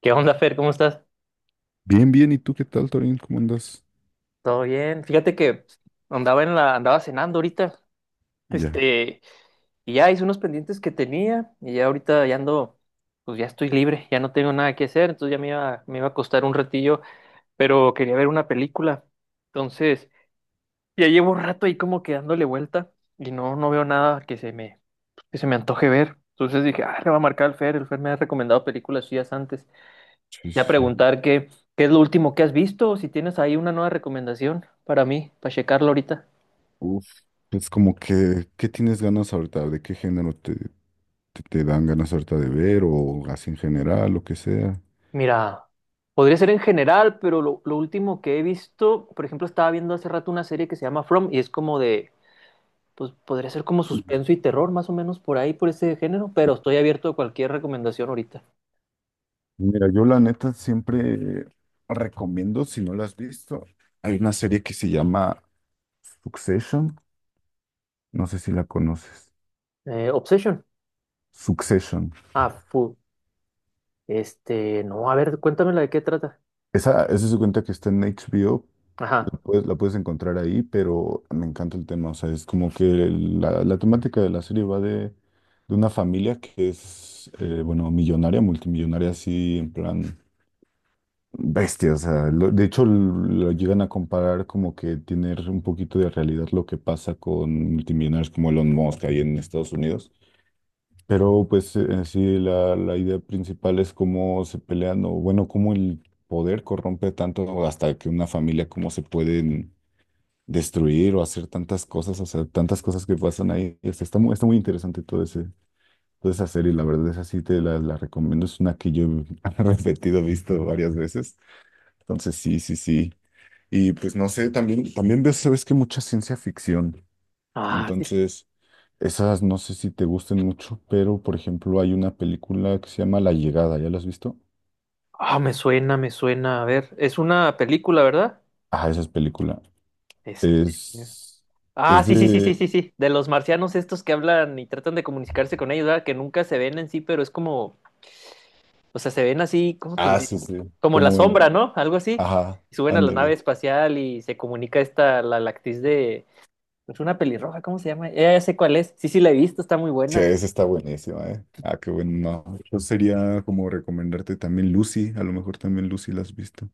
¿Qué onda, Fer? ¿Cómo estás? Bien, bien, ¿y tú qué tal, Torín? ¿Cómo andas? ¿Todo bien? Fíjate que andaba cenando ahorita, Ya. este, y ya hice unos pendientes que tenía, y ya ahorita ya ando, pues ya estoy libre, ya no tengo nada que hacer, entonces ya me iba a costar un ratillo, pero quería ver una película. Entonces, ya llevo un rato ahí como que dándole vuelta, y no veo nada que que se me antoje ver. Entonces dije, ah, le va a marcar al Fer, el Fer me ha recomendado películas suyas antes. Sí, Voy a sí, sí. preguntar qué es lo último que has visto, o si tienes ahí una nueva recomendación para mí, para checarlo ahorita. Uf, es como que, ¿qué tienes ganas ahorita? ¿De qué género te dan ganas ahorita de ver o así en general, lo que sea? Mira, podría ser en general, pero lo último que he visto, por ejemplo, estaba viendo hace rato una serie que se llama From pues podría ser como suspenso y terror, más o menos por ahí, por ese género, pero estoy abierto a cualquier recomendación ahorita. Mira, yo la neta siempre recomiendo, si no la has visto, hay una serie que se llama Succession, no sé si la conoces. Obsession. Succession. Ah, fu. No, a ver, cuéntamela de qué trata. Esa se cuenta que está en HBO. Ajá. Pues la puedes encontrar ahí, pero me encanta el tema. O sea, es como que la temática de la serie va de una familia que es, bueno, millonaria, multimillonaria, así en plan bestia. O sea, de hecho lo llegan a comparar como que tener un poquito de realidad lo que pasa con multimillonarios como Elon Musk ahí en Estados Unidos. Pero pues en sí, la idea principal es cómo se pelean o bueno, cómo el poder corrompe tanto hasta que una familia, cómo se pueden destruir o hacer tantas cosas, o sea, tantas cosas que pasan ahí. O sea, está muy interesante todo ese, toda esa serie, la verdad, esa sí te la recomiendo. Es una que yo he repetido, visto varias veces. Entonces, sí, sí, sí. Y pues no sé, también, también veo, sabes que mucha ciencia ficción. Ah, sí. Entonces, esas no sé si te gusten mucho, pero por ejemplo, hay una película que se llama La Llegada, ¿ya la has visto? Ah, me suena, me suena. A ver, es una película, ¿verdad? Ah, esa es película. Este. Es, Ah, es sí, sí, sí, sí, de... sí, sí. De los marcianos estos que hablan y tratan de comunicarse con ellos, ¿verdad? Que nunca se ven en sí, pero es como, o sea, se ven así, ¿cómo te Ah, diré? sí, sí, Como la como sombra, en... ¿no? Algo así. Ajá, Y suben a la nave ándale. espacial y se comunica esta, la actriz de, es una pelirroja, ¿cómo se llama? Ya, ya sé cuál es. Sí, sí, la he visto, está muy Sí, buena. esa está buenísima, ¿eh? Ah, qué bueno. No, yo sería como recomendarte también Lucy, a lo mejor también Lucy la has visto.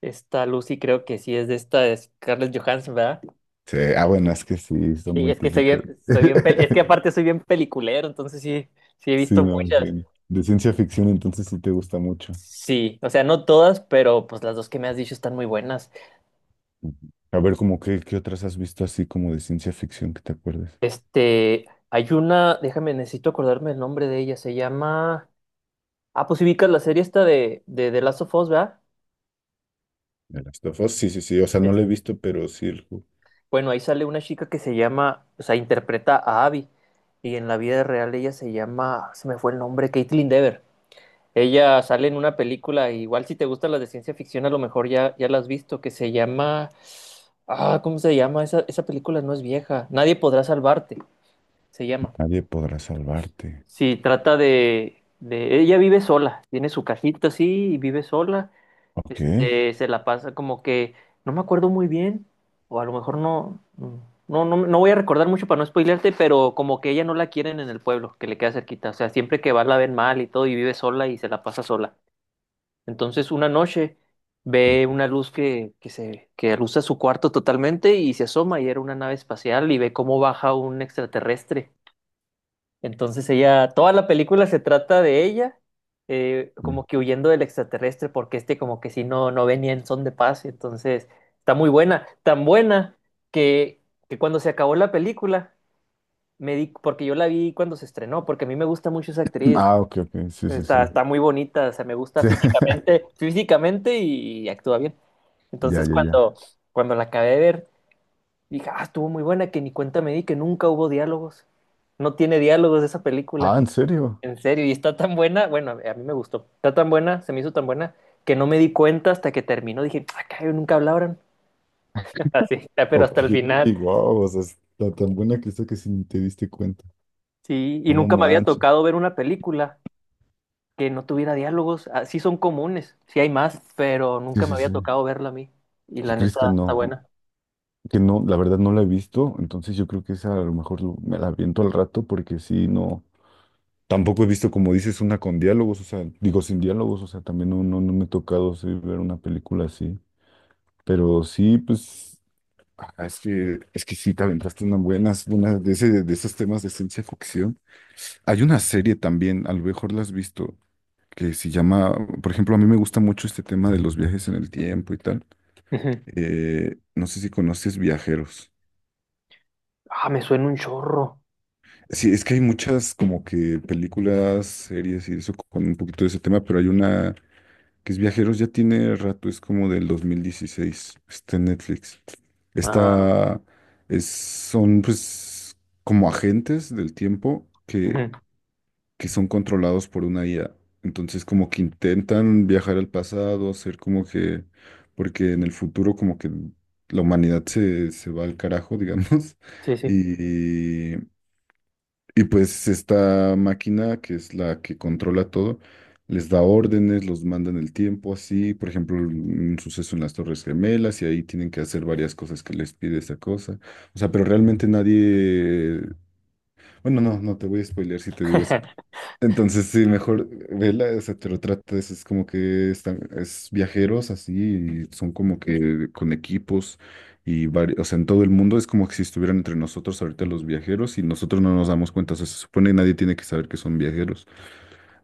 Esta Lucy creo que sí es de esta, es Scarlett Johansson, ¿verdad? Sí, ah, bueno, es que sí, son Sí, muy es que típicas. Es que aparte soy bien peliculero, entonces sí, sí he Sí, visto me muchas. imagino. De ciencia ficción, entonces sí te gusta mucho. Sí, o sea, no todas, pero pues las dos que me has dicho están muy buenas. Ujú. A ver, como qué, qué otras has visto así como de ciencia ficción que te acuerdes. Hay una, déjame, necesito acordarme el nombre de ella, se llama... Ah, pues si ubicas la serie esta de The Last of Us, ¿verdad? ¿De Last of Us? Sí, sí, sí. O sea, no Es- lo he visto, pero sí el juego. bueno, ahí sale una chica que se llama, o sea, interpreta a Abby, y en la vida real ella se llama, se me fue el nombre, Caitlin Dever. Ella sale en una película, igual si te gustan las de ciencia ficción, a lo mejor ya la has visto, que se llama... Ah, ¿cómo se llama? Esa película no es vieja. Nadie podrá salvarte, se llama. Nadie podrá salvarte. Sí, de... Ella vive sola, tiene su cajita así y vive sola. Ok. Se la pasa como que... No me acuerdo muy bien, o a lo mejor no... No, voy a recordar mucho para no spoilearte, pero como que ella no la quieren en el pueblo, que le queda cerquita. O sea, siempre que va la ven mal y todo y vive sola y se la pasa sola. Entonces una noche ve una luz que se que alusa su cuarto totalmente y se asoma y era una nave espacial y ve cómo baja un extraterrestre, entonces ella, toda la película se trata de ella, Ok. como que huyendo del extraterrestre, porque este como que si no, no venía en son de paz, entonces está muy buena, tan buena que, que cuando se acabó la película, me di, porque yo la vi cuando se estrenó, porque a mí me gusta mucho esa actriz, Ah, ok, ok. Sí, sí, sí. Está muy bonita, o sea, me gusta Sí. físicamente, físicamente y actúa bien. Ya, Entonces ya, ya. cuando, Cuando la acabé de ver, dije, ah, estuvo muy buena, que ni cuenta me di que nunca hubo diálogos, no tiene diálogos esa Ah, película. ¿en serio? En serio, y está tan buena, bueno, a mí me gustó, está tan buena, se me hizo tan buena, que no me di cuenta hasta que terminó, dije, acá nunca hablaron, así, ya, pero Ok, hasta el final, wow, o sea, está tan buena que está que si ni te diste cuenta. sí, y No nunca me había manches. tocado ver una película que no tuviera diálogos, ah. Sí, son comunes, sí hay más, pero Sí, nunca me sí, había sí. tocado verla a mí, y ¿Qué la crees neta que está no? buena. Que no, la verdad no la he visto, entonces yo creo que esa a lo mejor me la aviento al rato porque sí, no. Tampoco he visto, como dices, una con diálogos, o sea, digo sin diálogos, o sea, también no, no, no me ha tocado sí, ver una película así. Pero sí, pues, ah, es que sí, te aventaste unas buenas, una de, ese, de esos temas de ciencia ficción. Hay una serie también, a lo mejor la has visto, que se llama, por ejemplo, a mí me gusta mucho este tema de los viajes en el tiempo y tal. Ujú. No sé si conoces Viajeros. Ah, me suena un chorro. Sí, es que hay muchas como que películas, series y eso con un poquito de ese tema, pero hay una que es Viajeros, ya tiene rato, es como del 2016, está en Netflix. Ah, Esta es, son pues como agentes del tiempo que ujú, que son controlados por una IA. Entonces como que intentan viajar al pasado, hacer como que, porque en el futuro como que la humanidad se, se va al carajo, digamos, sí, sí. y, y pues esta máquina que es la que controla todo, les da órdenes, los manda en el tiempo, así, por ejemplo, un suceso en las Torres Gemelas y ahí tienen que hacer varias cosas que les pide esa cosa. O sea, pero realmente nadie... Bueno, no, no te voy a spoilear si te digo entonces, sí, mejor vela, o sea, pero trata de, es como que están, es viajeros así, y son como que con equipos y varios, o sea, en todo el mundo es como que si estuvieran entre nosotros ahorita los viajeros y nosotros no nos damos cuenta, o sea, se supone que nadie tiene que saber que son viajeros.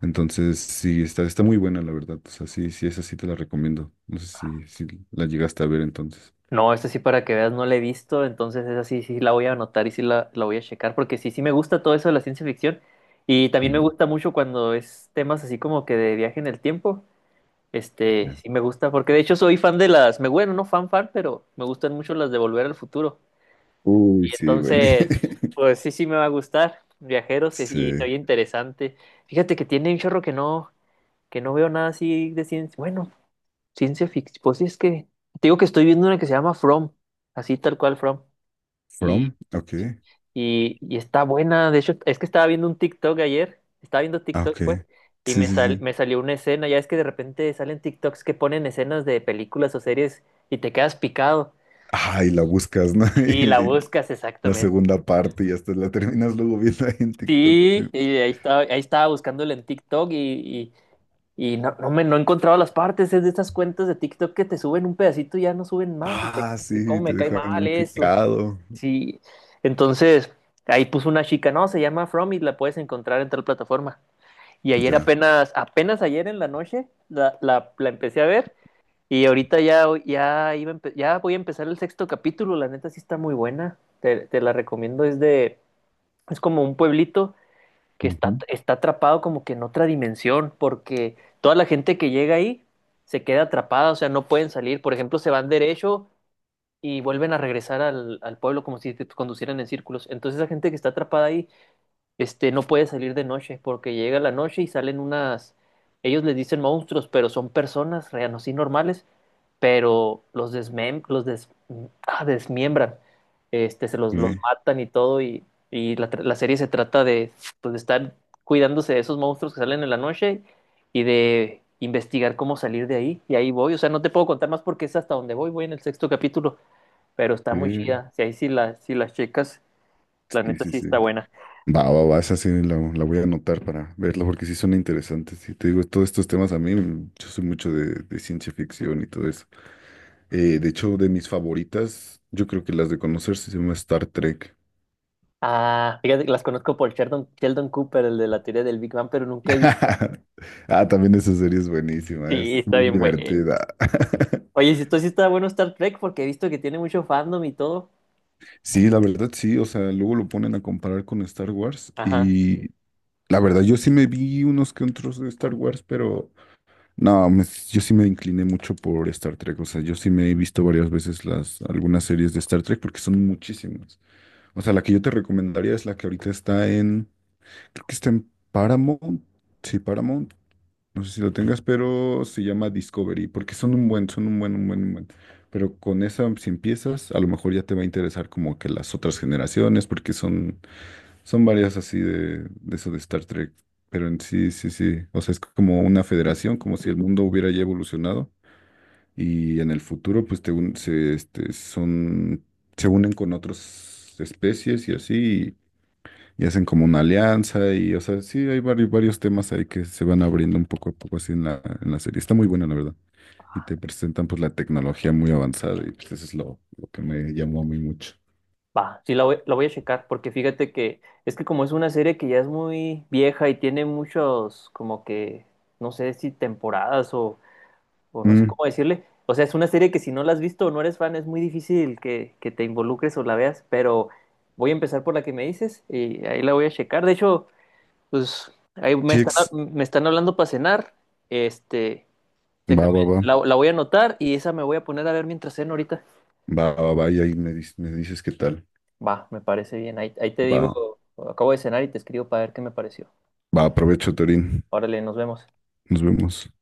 Entonces, sí, está, está muy buena, la verdad, o sea, sí, sí, esa sí te la recomiendo. No sé si, si la llegaste a ver entonces. No, esta sí para que veas, no la he visto, entonces esa sí, sí la voy a anotar y sí la voy a checar, porque sí, sí me gusta todo eso de la ciencia ficción y también me Mm, gusta mucho cuando es temas así como que de viaje en el tiempo, ya. sí me gusta, porque de hecho soy fan de las, me bueno, no fan fan, pero me gustan mucho las de Volver al Futuro, y Uy, sí, bueno. entonces, pues sí, sí me va a gustar, viajeros, y Sí. soy interesante. Fíjate que tiene un chorro que no veo nada así de ciencia, bueno, ciencia ficción, pues sí es que, te digo que estoy viendo una que se llama From, así tal cual From. Y, From, ok. sí, y está buena. De hecho, es que estaba viendo un TikTok ayer. Estaba viendo Ah, TikTok, ok. pues. Sí, sí, sí. Me salió una escena. Ya es que de repente salen TikToks que ponen escenas de películas o series y te quedas picado. Ay, la buscas, ¿no? Y la buscas Y la exactamente. segunda parte y hasta la terminas luego viendo ahí en TikTok. Sí. Sí, ahí estaba buscándola en TikTok y no, no me no he encontrado las partes. Es de estas cuentas de TikTok que te suben un pedacito y ya no suben más. Ah, Y cómo sí, te me cae dejan mal bien eso. picado. Sí, entonces ahí puso una chica, no, se llama From y la puedes encontrar en tal plataforma. Y ayer Ya. apenas, apenas ayer en la noche la empecé a ver y ahorita ya voy a empezar el sexto capítulo, la neta sí está muy buena, te la recomiendo, es de, es como un pueblito Ujú. está atrapado como que en otra dimensión, porque toda la gente que llega ahí se queda atrapada, o sea, no pueden salir, por ejemplo, se van derecho y vuelven a regresar al pueblo como si te conducieran en círculos. Entonces esa gente que está atrapada ahí, no puede salir de noche porque llega la noche y salen unas, ellos les dicen monstruos, pero son personas reanos y normales, pero los desmem, los des- ah, desmiembran, se los ¿Qué? matan y todo y, la serie se trata de, pues, de estar cuidándose de esos monstruos que salen en la noche y de investigar cómo salir de ahí y ahí voy, o sea, no te puedo contar más porque es hasta donde voy, voy en el sexto capítulo, pero está muy ¿Qué? chida. Si ahí sí, la, sí las chicas, la Sí, neta sí, sí sí. está buena. Va, va, va, esa sí la voy a anotar para verla porque sí son interesantes. Y te digo, todos estos temas a mí, mm, yo soy mucho de ciencia ficción y todo eso. De hecho, de mis favoritas, yo creo que las de conocer se llama Star Trek. Ah, fíjate que las conozco por Sheldon, Sheldon Cooper, el de la teoría del Big Bang, pero nunca he visto. Ah, también esa serie es buenísima, Sí, es está muy bien bueno. divertida. Oye, si esto sí está bueno Star Trek, porque he visto que tiene mucho fandom y todo. Sí, la verdad sí, o sea, luego lo ponen a comparar con Star Wars Ajá. y la verdad yo sí me vi unos que otros de Star Wars, pero no, yo sí me incliné mucho por Star Trek, o sea, yo sí me he visto varias veces las algunas series de Star Trek porque son muchísimas. O sea, la que yo te recomendaría es la que ahorita está en, creo que está en Paramount, sí, Paramount, no sé si lo tengas, pero se llama Discovery, porque son un buen. Pero con esa, si empiezas, a lo mejor ya te va a interesar como que las otras generaciones, porque son, son varias así de eso de Star Trek. Pero en sí, sí, sí. O sea, es como una federación, como si el mundo hubiera ya evolucionado. Y en el futuro, pues te un- se, este, son, se unen con otras especies y así y hacen como una alianza y, o sea, sí, hay varios, varios temas ahí que se van abriendo un poco a poco así en en la serie. Está muy buena, la verdad. Y te presentan pues la tecnología muy avanzada y pues eso es lo que me llamó a mí mucho. Va, la voy a checar, porque fíjate que es que como es una serie que ya es muy vieja y tiene muchos, como que, no sé si temporadas o no sé Mm, cómo decirle. O sea, es una serie que si no la has visto o no eres fan, es muy difícil que te involucres o la veas, pero voy a empezar por la que me dices y ahí la voy a checar. De hecho, pues ahí sí, me están hablando para cenar. Este, va, Déjame, va, va, la voy a anotar y esa me voy a poner a ver mientras ceno ahorita. va, va, va, y ahí me, me dices qué tal. Va, me parece bien. Ahí te digo, Va, acabo de cenar y te escribo para ver qué me pareció. va, aprovecho, Torín. Órale, nos vemos. Nos vemos.